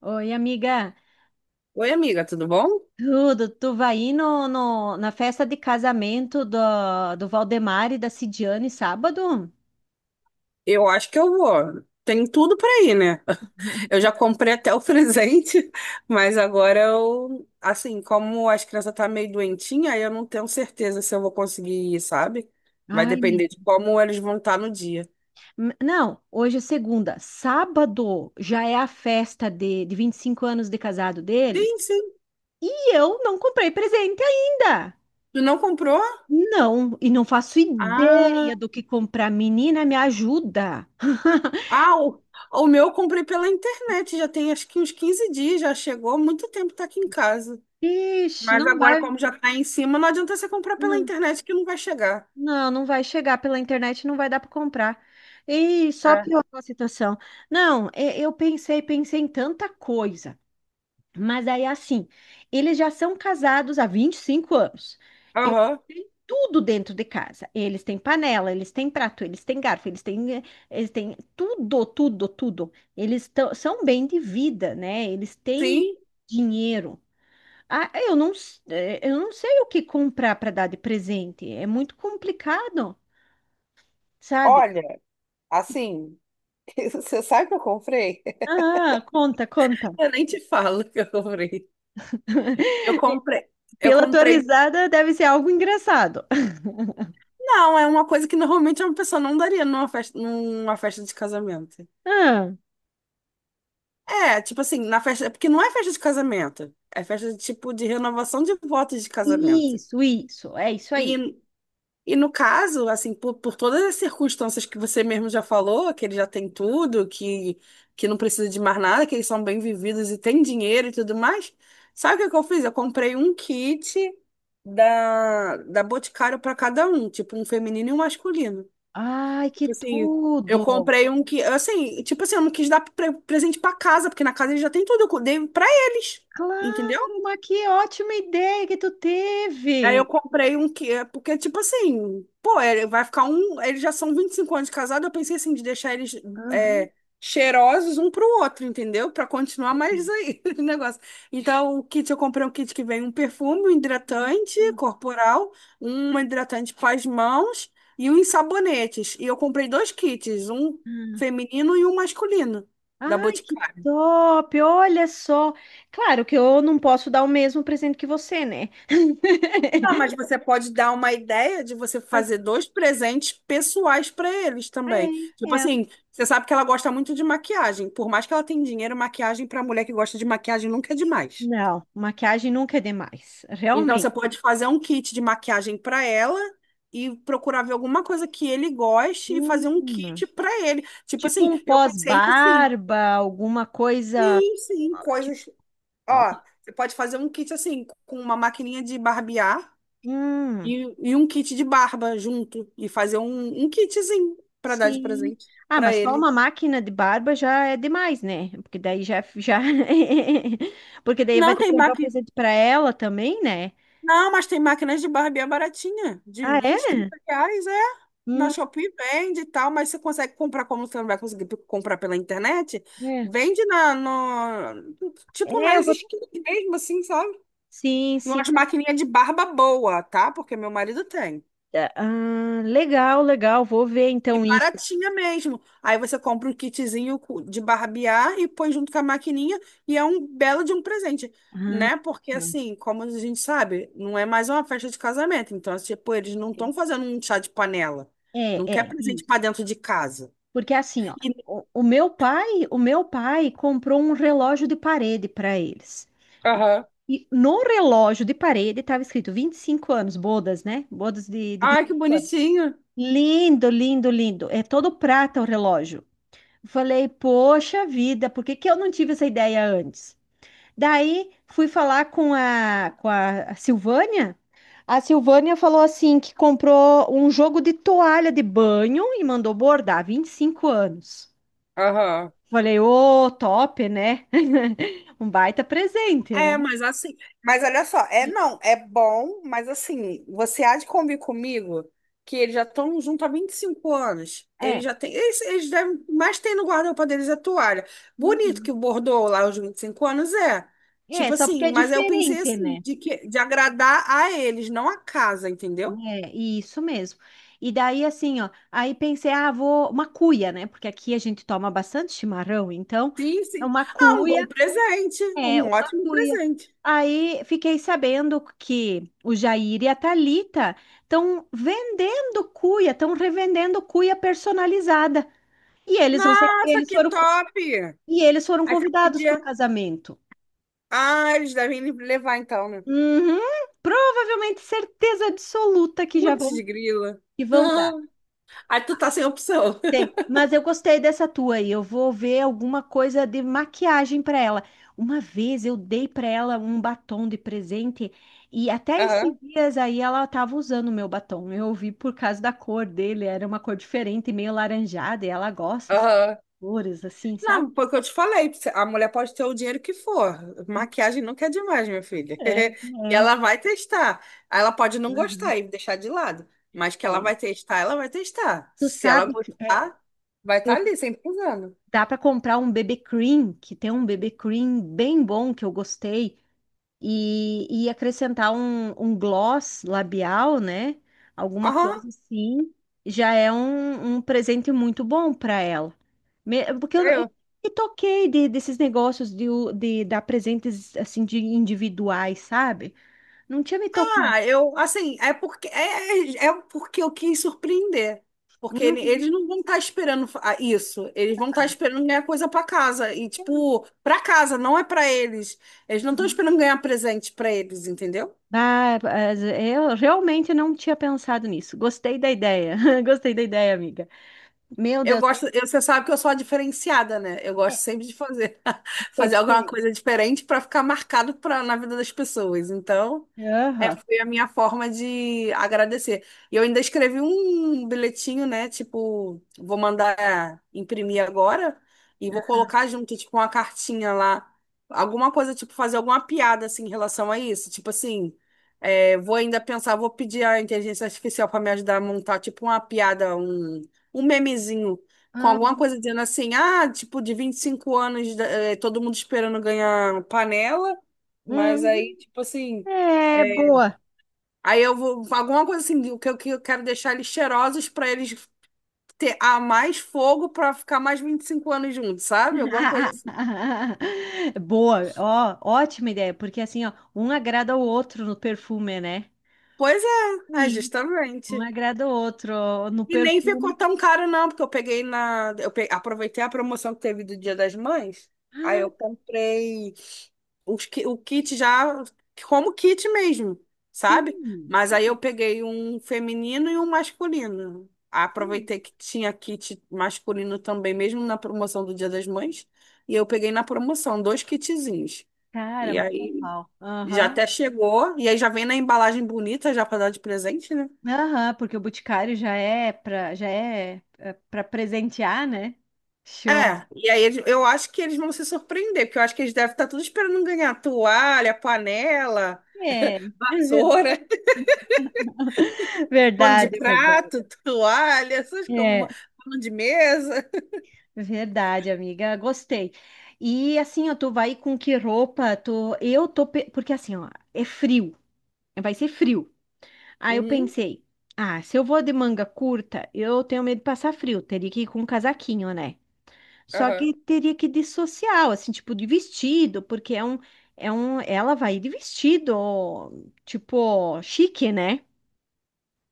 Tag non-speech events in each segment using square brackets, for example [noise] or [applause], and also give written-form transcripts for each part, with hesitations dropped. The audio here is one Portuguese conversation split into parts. Oi, amiga. Oi, amiga, tudo bom? Tudo, tu vai ir na festa de casamento do Valdemar e da Cidiane sábado? Eu acho que eu vou. Tem tudo pra ir, né? [laughs] Eu já comprei até o [laughs] presente, mas agora eu, assim, como as crianças tá meio doentinha, aí eu não tenho certeza se eu vou conseguir ir, sabe? Vai Ai, me- depender de como eles vão estar no dia. Não, hoje é segunda. Sábado já é a festa de 25 anos de casado deles. Sim, sim. E eu não comprei presente ainda. Tu não comprou? Não, e não faço Ah, ideia do que comprar. Menina, me ajuda. [laughs] ah, o meu eu comprei pela internet, já tem acho que uns 15 dias, já chegou, há muito tempo tá aqui em casa. Ixi, Mas não agora, vai. como já tá em cima, não adianta você comprar pela Não. internet que não vai chegar. Não, não vai chegar pela internet, não vai dar para comprar. E só É. piorou a situação. Não, eu pensei em tanta coisa. Mas aí, assim, eles já são casados há 25 anos. Eles Aham. têm tudo dentro de casa. Eles têm panela, eles têm prato, eles têm garfo, eles têm, eles têm tudo, tudo, tudo. São bem de vida, né? Eles têm Sim. dinheiro. Ah, eu eu não sei o que comprar para dar de presente. É muito complicado sabe? Olha, assim, [laughs] você sabe o que eu comprei? Ah, conta, conta. Eu nem te falo o que eu comprei. Eu [laughs] comprei. Eu Pela tua comprei. risada, deve ser algo engraçado. [laughs] Não, é uma coisa que normalmente uma pessoa não daria numa festa de casamento. Ah, É, tipo assim, na festa. É porque não é festa de casamento. É festa de tipo de renovação de votos de casamento. isso, é isso aí. E E no caso, assim, por todas as circunstâncias que você mesmo já falou, que ele já tem tudo, que não precisa de mais nada, que eles são bem vividos e têm dinheiro e tudo mais, sabe o que que eu fiz? Eu comprei um kit da Boticário para cada um, tipo um feminino e um masculino. Ai, que Tipo assim, eu tudo! comprei um que, assim, tipo assim, eu não quis dar presente para casa, porque na casa eles já têm tudo, eu dei para eles, entendeu? Claro, mas que ótima ideia que tu Aí eu teve! comprei um que, é, porque, tipo assim, pô, ele vai ficar um. Eles já são 25 anos de casado, eu pensei assim, de deixar eles Aham. é, cheirosos um pro outro, entendeu? Pra continuar mais aí [laughs] o negócio. Então, o kit, eu comprei um kit que vem um perfume, um hidratante corporal, um hidratante para as mãos e uns sabonetes. E eu comprei dois kits, um Ah, feminino e um masculino, da ai, que Boticário. top! Olha só. Claro que eu não posso dar o mesmo presente que você, né? Ah, mas [laughs] você pode dar uma ideia de você Mas fazer dois presentes pessoais para eles também. é, Tipo é. assim, você sabe que ela gosta muito de maquiagem. Por mais que ela tenha dinheiro, maquiagem para mulher que gosta de maquiagem nunca é demais. Não, maquiagem nunca é demais, Então realmente. você pode fazer um kit de maquiagem para ela e procurar ver alguma coisa que ele goste e fazer um Hum. kit para ele. Tipo Tipo assim, um eu pensei assim, pós-barba, alguma coisa. sim, sim, Tipo, coisas. Ó, você pode fazer um kit assim com uma maquininha de barbear hum, E, e um kit de barba junto. E fazer um kitzinho pra dar de sim. presente Ah, pra mas só ele. uma máquina de barba já é demais, né? Porque [laughs] Porque daí vai Não, ter que tem comprar um máquina. presente pra ela também, né? Não, mas tem máquinas de barbear baratinha, de Ah, 20 é? 30 reais, é. Na Hum, Shopee vende e tal, mas você consegue comprar como você não vai conseguir comprar pela internet? é. Vende na, no, tipo É, eu nas vou... esquinas mesmo, assim, sabe? Sim, sim. Umas maquininhas de barba boa, tá? Porque meu marido tem. Ah, legal, legal. Vou ver E então isso. baratinha mesmo. Aí você compra um kitzinho de barbear e põe junto com a maquininha e é um belo de um presente, Ah, né? Porque tá. assim, como a gente sabe, não é mais uma festa de casamento. Então, assim, tipo, eles não estão fazendo um chá de panela. É, Não quer é. presente Isso. para dentro de casa. Porque assim, ó, E... o meu pai, o meu pai comprou um relógio de parede para eles. E, Aham. e no relógio de parede estava escrito 25 anos, bodas, né? Bodas de vinte Ai, e que cinco anos. bonitinho. Lindo, lindo, lindo. É todo prata o relógio. Falei, poxa vida, por que que eu não tive essa ideia antes? Daí fui falar com a Silvânia. A Silvânia falou assim que comprou um jogo de toalha de banho e mandou bordar 25 anos. Aham. Falei, ô, top, né? [laughs] Um baita presente, né? É, mas assim, mas olha só, é não, é bom, mas assim, você há de convir comigo que eles já estão junto há 25 anos. Eles É. já têm, eles devem, mais tem no guarda-roupa deles é toalha. Bonito Uhum. que o bordou lá os 25 anos, é. É, Tipo só porque assim, é mas eu pensei diferente, assim, né? de que de agradar a eles, não a casa, entendeu? É, isso mesmo. E daí, assim, ó, aí pensei, ah, vou uma cuia, né? Porque aqui a gente toma bastante chimarrão, então Sim, é sim. uma Ah, um cuia, bom presente, é um uma ótimo cuia. presente. Aí fiquei sabendo que o Jair e a Thalita estão vendendo cuia, estão revendendo cuia personalizada. E eles vão ser, Nossa, eles que foram, top! E eles foram Aí você convidados para o podia. casamento. Ah, eles devem levar então, né? Uhum, provavelmente certeza absoluta que já Putz, vão, grila. que vão dar. [laughs] Aí tu tá sem opção. Mas eu gostei dessa tua aí. Eu vou ver alguma coisa de maquiagem para ela. Uma vez eu dei para ela um batom de presente e até esses Aham, dias aí ela estava usando o meu batom. Eu vi por causa da cor dele, era uma cor diferente, meio laranjada, e ela gosta assim, aham. de cores assim, sabe? Não, porque eu te falei, a mulher pode ter o dinheiro que for. Maquiagem nunca é demais, minha filha. É, [laughs] E é. ela vai testar. Ela pode não Uhum, gostar e deixar de lado. Mas que ela é. vai testar, ela vai testar. Tu Se ela sabe que é, gostar, vai estar eu ali, sempre usando. Dá para comprar um BB Cream, que tem um BB Cream bem bom que eu gostei, e acrescentar um gloss labial, né? Alguma Aham. coisa assim, já é um presente muito bom para ela. Porque eu me toquei desses negócios de dar presentes assim de individuais, sabe? Não tinha me tocado. Ah, eu, assim, é porque é, é é porque eu quis surpreender. Porque Uhum. eles não vão estar esperando isso. Eles vão estar esperando ganhar coisa para casa. E, tipo, para casa, não é para eles. Eles não estão esperando ganhar presente para eles, entendeu? Ah, mas eu realmente não tinha pensado nisso. Gostei da ideia. [laughs] Gostei da ideia, amiga. Meu Eu Deus. gosto, você sabe que eu sou a diferenciada, né? Eu gosto sempre de fazer, [laughs] Que é fazer alguma diferente. coisa diferente para ficar marcado na vida das pessoas. Então, Aham. foi a minha forma de agradecer. E eu ainda escrevi um bilhetinho, né? Tipo, vou mandar imprimir agora e vou colocar junto, tipo, uma cartinha lá. Alguma coisa, tipo, fazer alguma piada, assim, em relação a isso. Tipo assim, é, vou ainda pensar, vou pedir a inteligência artificial para me ajudar a montar, tipo, uma piada, um memezinho com Ah, alguma coisa dizendo assim, ah, tipo, de 25 anos, todo mundo esperando ganhar panela, mas uhum. aí, tipo assim, É, eh, boa. aí eu vou, alguma coisa assim, o que eu quero deixar eles cheirosos para eles ter a mais fogo para ficar mais 25 anos juntos, sabe? Alguma coisa assim. [laughs] Boa, ó, ótima ideia, porque assim, ó, um agrada o outro no perfume, né? Pois é, é Sim. justamente. Um agrada o outro ó, no E nem ficou perfume. tão caro não, porque eu peguei aproveitei a promoção que teve do Dia das Mães. Aí eu Ah, comprei o kit já como kit mesmo, sabe? sim, Mas sim. aí eu peguei um feminino e um masculino. Sim. Aproveitei que tinha kit masculino também, mesmo na promoção do Dia das Mães, e eu peguei na promoção dois kitzinhos. Cara, E matou aí pau. já Aham. até chegou, e aí já vem na embalagem bonita já para dar de presente, né? Aham, porque o Boticário já é pra, pra presentear, né? Show. É, e aí eu acho que eles vão se surpreender, porque eu acho que eles devem estar tudo esperando ganhar toalha, panela, É. [laughs] vassoura. Pano de Verdade, verdade. prato, [laughs] toalha, essas como É. pano de mesa. Verdade, amiga, gostei. E assim, ó, tu vai com que roupa? Tu... Porque assim, ó, é frio, vai ser frio. Aí eu Uhum, pensei, ah, se eu vou de manga curta, eu tenho medo de passar frio, teria que ir com um casaquinho, né? Só aham. que teria que ir de social, assim, tipo de vestido, porque é um. É um... Ela vai de vestido, tipo, chique, né?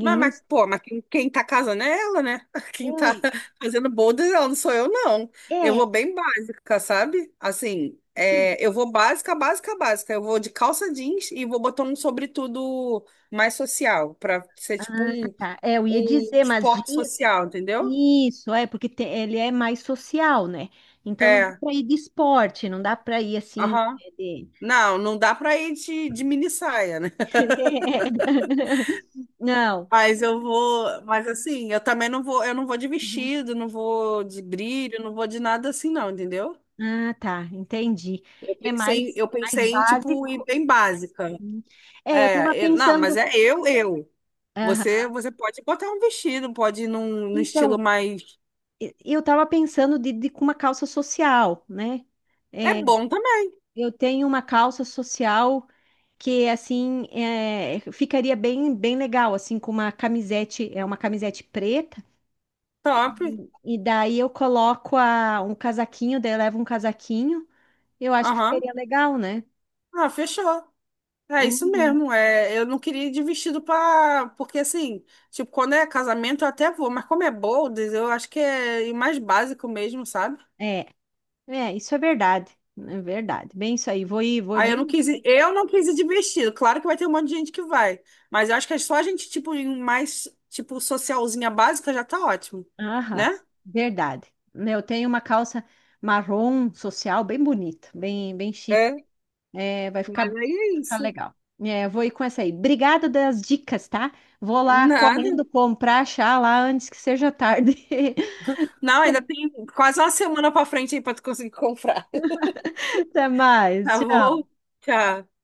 E eu não Pô, mas quem tá casando é ela, né? [laughs] Quem tá sei. fazendo bodas, é ela não sou eu, não. É, Eu vou é, bem básica, sabe? Assim, sim. é, eu vou básica, básica, básica. Eu vou de calça jeans e vou botar um sobretudo mais social, pra ser tipo Ah, um, tá. É, eu ia um dizer, mas esporte diz. social, entendeu? Isso, é, porque ele é mais social, né? Então não dá É, para ir de esporte, não dá para ir assim. aham. de- Não, não dá pra ir de mini saia. [laughs] Não. Mas eu vou, mas assim, eu também não vou, eu não vou de Uhum. vestido, não vou de brilho, não vou de nada assim, não, entendeu? Ah, tá, entendi. Eu É pensei, mais, eu mais pensei em tipo ir básico. bem básica. Uhum. É, eu estava É, eu- não, mas pensando. é eu, eu. Aham. Você pode botar um vestido, pode ir num estilo Então, mais. Eu estava pensando de com uma calça social, né? É É, bom também, eu tenho uma calça social que assim é, ficaria bem legal assim com uma camisete é uma camisete preta. top. E daí eu coloco um casaquinho, daí eu levo um casaquinho. Eu acho que Aham. ficaria legal, né? Ah, fechou. É isso Uhum. mesmo. É, eu não queria ir de vestido para, porque assim, tipo, quando é casamento eu até vou, mas como é bold, eu acho que é ir mais básico mesmo, sabe? É, é, isso é verdade. É verdade. Bem isso aí. Vou ir, vou Aí eu não bem. quis Assim. ir, eu não quis ir de vestido. Claro que vai ter um monte de gente que vai, mas eu acho que é só a gente tipo em mais tipo socialzinha básica já tá ótimo, Aham, né? verdade. Né, eu tenho uma calça marrom social bem bonita, bem, bem chique. É. É, Mas aí vai é ficar isso. legal. É, eu vou ir com essa aí. Obrigada das dicas, tá? Vou lá Nada. correndo comprar, achar lá antes que seja tarde. Não, ainda [laughs] tem quase uma semana pra frente aí pra tu conseguir comprar. [laughs] Até mais. Tá bom? Tchau. Tchau.